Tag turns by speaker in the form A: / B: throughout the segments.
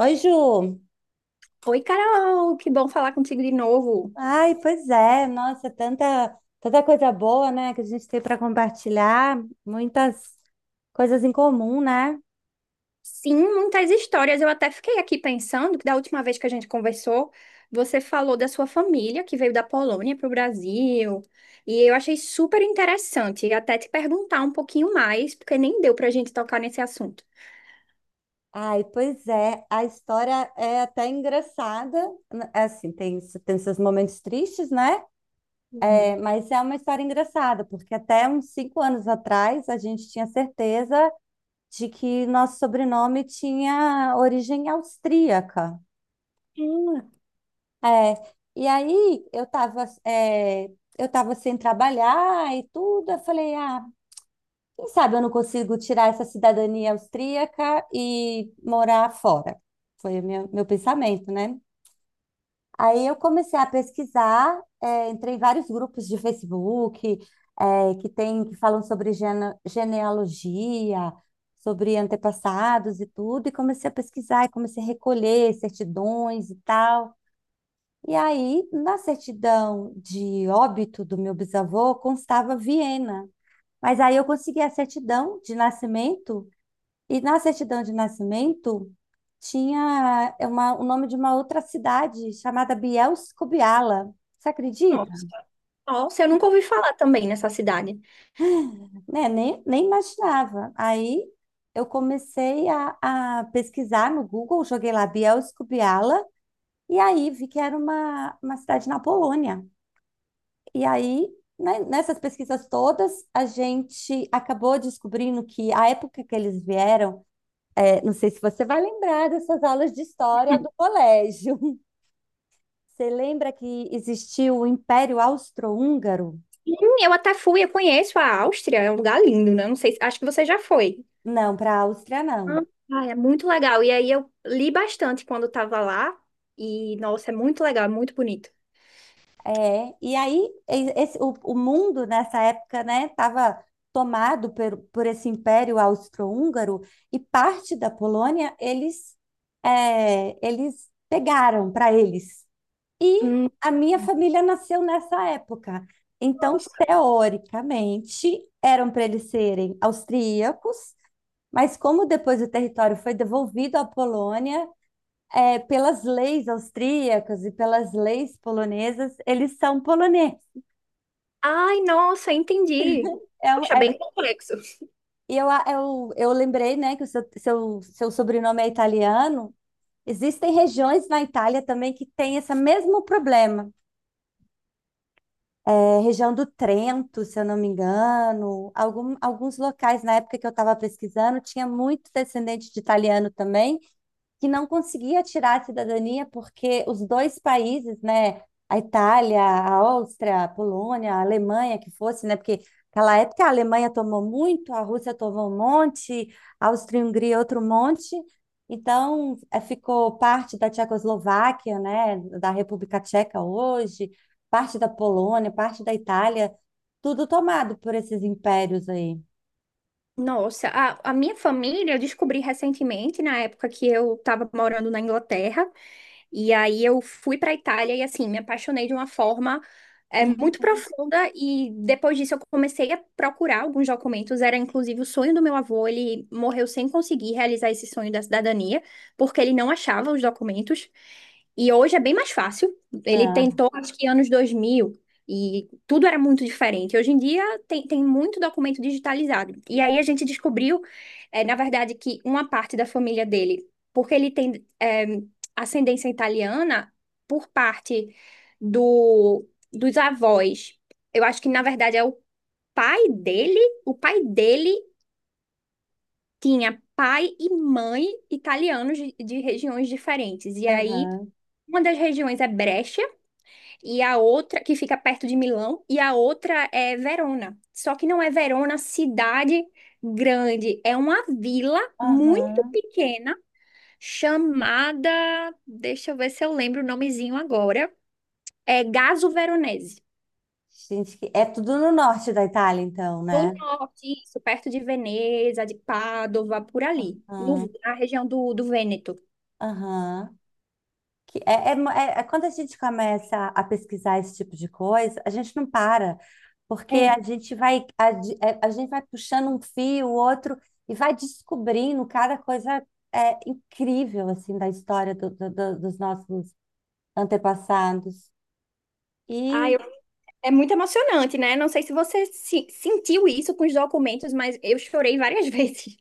A: Oi, Ju.
B: Oi, Carol, que bom falar contigo de novo.
A: Ai, pois é. Nossa, tanta coisa boa, né, que a gente tem para compartilhar, muitas coisas em comum, né?
B: Sim, muitas histórias. Eu até fiquei aqui pensando que da última vez que a gente conversou, você falou da sua família que veio da Polônia para o Brasil. E eu achei super interessante até te perguntar um pouquinho mais, porque nem deu para a gente tocar nesse assunto.
A: Ai, pois é. A história é até engraçada. Assim, tem seus momentos tristes, né?
B: Hum.
A: É, mas é uma história engraçada, porque até uns 5 anos atrás a gente tinha certeza de que nosso sobrenome tinha origem austríaca.
B: Hum.
A: É, e aí eu tava sem trabalhar e tudo. Eu falei, ah, quem sabe eu não consigo tirar essa cidadania austríaca e morar fora. Foi o meu pensamento, né? Aí eu comecei a pesquisar, entrei em vários grupos de Facebook, que falam sobre genealogia, sobre antepassados e tudo, e comecei a pesquisar, e comecei a recolher certidões e tal. E aí, na certidão de óbito do meu bisavô, constava Viena. Mas aí eu consegui a certidão de nascimento, e na certidão de nascimento tinha o nome de uma outra cidade chamada Bielsko-Biala. Você acredita?
B: Nossa. Nossa, eu nunca ouvi falar também nessa cidade.
A: Né? Nem imaginava. Aí eu comecei a pesquisar no Google, joguei lá Bielsko-Biala, e aí vi que era uma cidade na Polônia. E aí, né, nessas pesquisas todas, a gente acabou descobrindo que a época que eles vieram, não sei se você vai lembrar dessas aulas de história do colégio. Você lembra que existiu o Império Austro-Húngaro?
B: Sim, eu até fui, eu conheço a Áustria, é um lugar lindo, né? Não sei, acho que você já foi.
A: Não, para a Áustria não.
B: Ah, é muito legal. E aí eu li bastante quando estava lá. E, nossa, é muito legal, é muito bonito.
A: É, e aí o mundo nessa época, né, estava tomado por esse Império Austro-Húngaro e parte da Polônia eles pegaram para eles. E
B: Hum.
A: a minha família nasceu nessa época. Então,
B: Nossa.
A: teoricamente, eram para eles serem austríacos, mas como depois o território foi devolvido à Polônia, pelas leis austríacas e pelas leis polonesas, eles são poloneses.
B: Ai, nossa, entendi.
A: É um-
B: Puxa,
A: é-
B: bem complexo.
A: E eu lembrei, né, que o seu sobrenome é italiano. Existem regiões na Itália também que têm esse mesmo problema. Região do Trento, se eu não me engano. Alguns locais na época que eu estava pesquisando tinha muito descendente de italiano também que não conseguia tirar a cidadania porque os dois países, né, a Itália, a Áustria, a Polônia, a Alemanha, que fosse, né, porque naquela época a Alemanha tomou muito, a Rússia tomou um monte, a Áustria-Hungria outro monte, então ficou parte da Tchecoslováquia, né, da República Tcheca hoje, parte da Polônia, parte da Itália, tudo tomado por esses impérios aí.
B: Nossa, a minha família, eu descobri recentemente, na época que eu estava morando na Inglaterra, e aí eu fui para a Itália e assim, me apaixonei de uma forma muito
A: Uhum.
B: profunda, e depois disso eu comecei a procurar alguns documentos, era inclusive o sonho do meu avô, ele morreu sem conseguir realizar esse sonho da cidadania, porque ele não achava os documentos, e hoje é bem mais fácil, ele
A: Ah,
B: tentou acho que anos 2000 e tudo era muito diferente, hoje em dia tem muito documento digitalizado. E aí a gente descobriu, na verdade, que uma parte da família dele, porque ele tem ascendência italiana por parte do, dos avós. Eu acho que, na verdade, é o pai dele. O pai dele tinha pai e mãe italianos de regiões diferentes. E aí,
A: aham,
B: uma das regiões é Brecha e a outra que fica perto de Milão e a outra é Verona. Só que não é Verona cidade grande, é uma vila muito
A: aham.
B: pequena chamada, deixa eu ver se eu lembro o nomezinho agora, é Gaso Veronese.
A: Gente, é tudo no norte da Itália, então, né?
B: No norte, isso, perto de Veneza, de Pádua, por ali,
A: Ah,
B: na região do Vêneto.
A: aham. Que é quando a gente começa a pesquisar esse tipo de coisa, a gente não para, porque a
B: É.
A: gente vai, a, di- é, a gente vai puxando um fio, o outro, e vai descobrindo cada coisa, incrível, assim, da história dos nossos antepassados.
B: Ah,
A: E
B: eu- É muito emocionante, né? Não sei se você sentiu isso com os documentos, mas eu chorei várias vezes.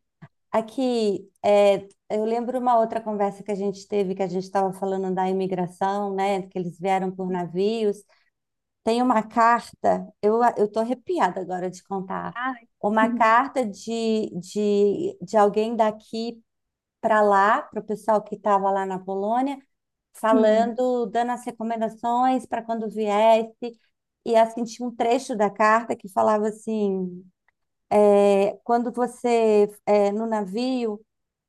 A: aqui, eu lembro uma outra conversa que a gente teve, que a gente estava falando da imigração, né? Que eles vieram por navios. Tem uma carta, eu tô arrepiada agora de contar.
B: Ai.
A: Uma carta de alguém daqui para lá, para o pessoal que estava lá na Polônia,
B: Hum.
A: falando, dando as recomendações para quando viesse. E assim, tinha um trecho da carta que falava assim: Quando você, no navio,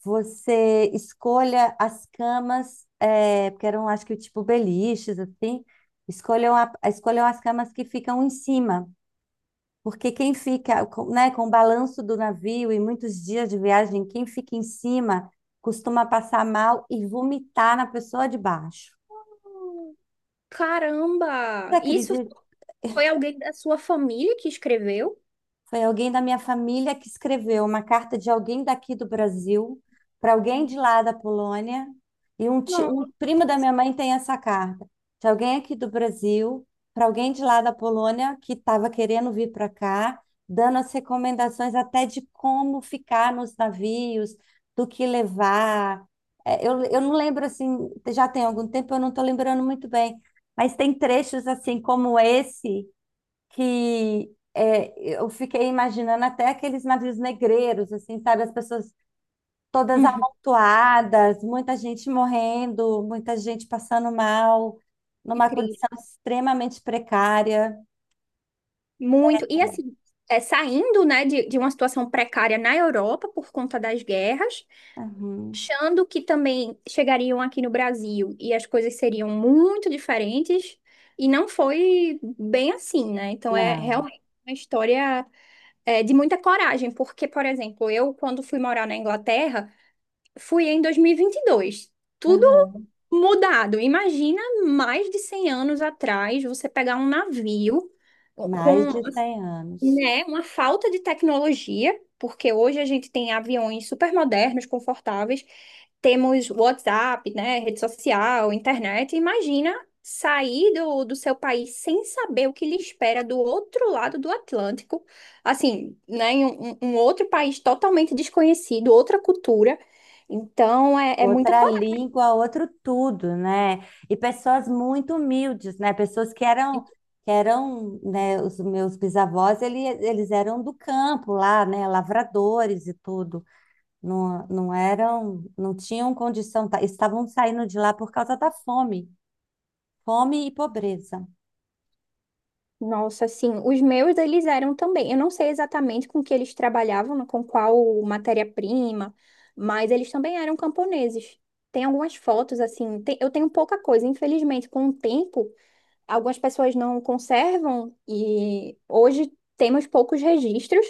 A: você escolha as camas, porque eram, acho que, tipo beliches, assim, escolham as camas que ficam em cima, porque quem fica, né, com o balanço do navio e muitos dias de viagem, quem fica em cima costuma passar mal e vomitar na pessoa de baixo. Você
B: Caramba! Isso
A: acredita?
B: foi alguém da sua família que escreveu?
A: Foi alguém da minha família que escreveu uma carta de alguém daqui do Brasil para alguém de lá da Polônia. E um, ti-
B: Não.
A: um primo da minha mãe tem essa carta de alguém aqui do Brasil para alguém de lá da Polônia que estava querendo vir para cá, dando as recomendações até de como ficar nos navios, do que levar. É, eu não lembro assim, já tem algum tempo, eu não estou lembrando muito bem, mas tem trechos assim como esse que é, eu fiquei imaginando até aqueles navios negreiros, assim, sabe? As pessoas todas
B: Uhum,
A: amontoadas, muita gente morrendo, muita gente passando mal,
B: que
A: numa
B: triste.
A: condição extremamente precária.
B: Muito. E assim, é, saindo, né, de uma situação precária na Europa por conta das guerras,
A: Uhum.
B: achando que também chegariam aqui no Brasil e as coisas seriam muito diferentes, e não foi bem assim, né? Então é
A: Não,
B: realmente uma história, é, de muita coragem, porque, por exemplo, eu, quando fui morar na Inglaterra, fui em dois mil e vinte e dois. Tudo
A: uhum.
B: mudado. Imagina mais de 100 anos atrás você pegar um navio
A: Mais
B: com
A: de 100 anos.
B: né? Uma falta de tecnologia, porque hoje a gente tem aviões super modernos, confortáveis, temos WhatsApp, né? Rede social, internet. Imagina sair do seu país sem saber o que lhe espera do outro lado do Atlântico, assim, né? Em um, um outro país totalmente desconhecido, outra cultura. Então, é, é muita
A: Outra
B: coragem.
A: língua, outro tudo, né? E pessoas muito humildes, né? Pessoas que eram, né? Os meus bisavós, eles eram do campo lá, né? Lavradores e tudo. Não, não eram, não tinham condição, estavam saindo de lá por causa da fome, fome e pobreza.
B: Nossa, assim, os meus eles eram também. Eu não sei exatamente com que eles trabalhavam, né, com qual matéria-prima, mas eles também eram camponeses. Tem algumas fotos, assim, eu tenho pouca coisa, infelizmente, com o tempo, algumas pessoas não conservam e hoje temos poucos registros,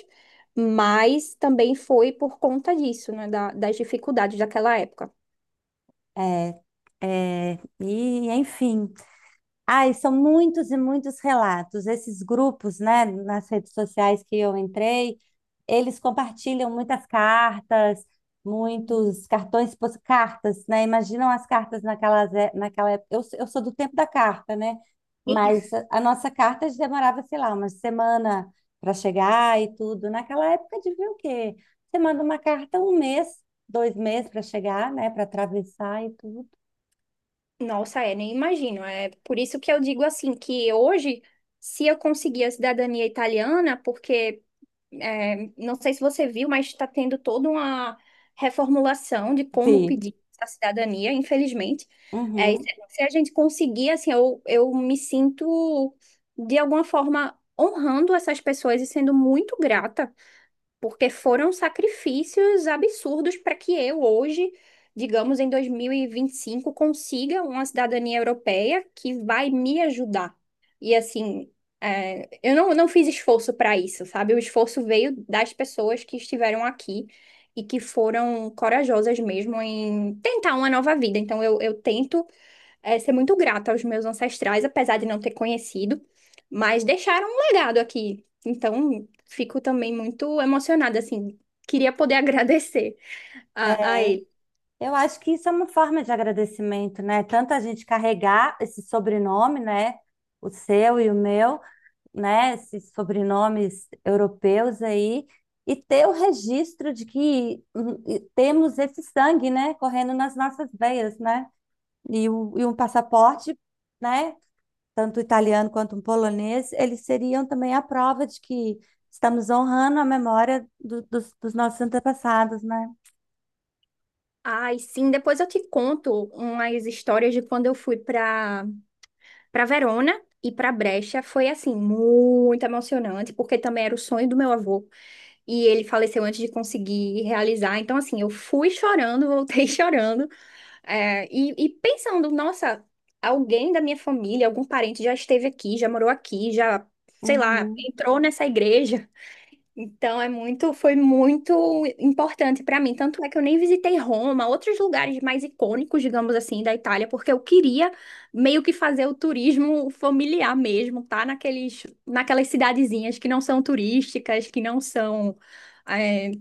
B: mas também foi por conta disso, né, das dificuldades daquela época.
A: É, é, e enfim. Ai, são muitos e muitos relatos. Esses grupos, né, nas redes sociais que eu entrei, eles compartilham muitas cartas, muitos cartões, cartas, né? Imaginam as cartas naquela época. Eu sou do tempo da carta, né? Mas a nossa carta demorava, sei lá, uma semana para chegar e tudo. Naquela época devia o quê? Você manda uma carta um mês, 2 meses para chegar, né? Para atravessar e tudo.
B: Nossa, é, nem imagino. É por isso que eu digo assim, que hoje, se eu conseguir a cidadania italiana, porque é, não sei se você viu, mas está tendo toda uma reformulação de como
A: Sim.
B: pedir a cidadania, infelizmente. É, e se a gente conseguir, assim, eu me sinto, de alguma forma, honrando essas pessoas e sendo muito grata porque foram sacrifícios absurdos para que eu hoje, digamos, em dois mil e vinte e cinco consiga uma cidadania europeia que vai me ajudar. E assim, é, eu não fiz esforço para isso, sabe? O esforço veio das pessoas que estiveram aqui e que foram corajosas mesmo em tentar uma nova vida. Então, eu tento é, ser muito grata aos meus ancestrais, apesar de não ter conhecido, mas deixaram um legado aqui. Então, fico também muito emocionada, assim. Queria poder agradecer a ele.
A: Eu acho que isso é uma forma de agradecimento, né? Tanto a gente carregar esse sobrenome, né? O seu e o meu, né? Esses sobrenomes europeus aí, e ter o registro de que e temos esse sangue, né? Correndo nas nossas veias, né? E um passaporte, né? Tanto o italiano quanto o polonês, eles seriam também a prova de que estamos honrando a memória dos nossos antepassados, né?
B: Ai, sim, depois eu te conto umas histórias de quando eu fui para para Verona e para Brecha. Foi, assim, muito emocionante, porque também era o sonho do meu avô e ele faleceu antes de conseguir realizar. Então, assim, eu fui chorando, voltei chorando. E pensando, nossa, alguém da minha família, algum parente já esteve aqui, já morou aqui, já, sei lá,
A: Uhum.
B: entrou nessa igreja. Então é muito, foi muito importante para mim. Tanto é que eu nem visitei Roma, outros lugares mais icônicos, digamos assim, da Itália, porque eu queria meio que fazer o turismo familiar mesmo, tá? Naqueles, naquelas cidadezinhas que não são turísticas, que não são é,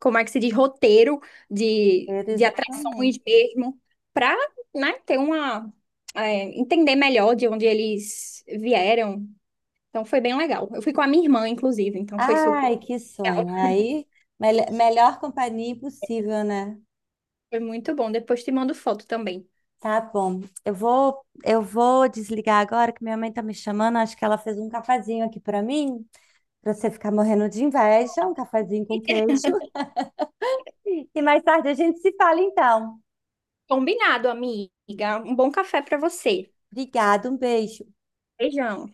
B: como é que se diz, roteiro de atrações
A: Exatamente.
B: mesmo, para, né, ter uma, é, entender melhor de onde eles vieram. Então foi bem legal. Eu fui com a minha irmã, inclusive, então foi super
A: Ai, que
B: legal.
A: sonho. Aí, melhor companhia impossível, né?
B: Foi muito bom. Depois te mando foto também.
A: Tá bom. Eu vou desligar agora que minha mãe tá me chamando. Acho que ela fez um cafazinho aqui pra mim, pra você ficar morrendo de inveja, um cafazinho com queijo. E mais tarde a gente se fala então.
B: Combinado, amiga. Um bom café para você.
A: Obrigada, um beijo.
B: Beijão.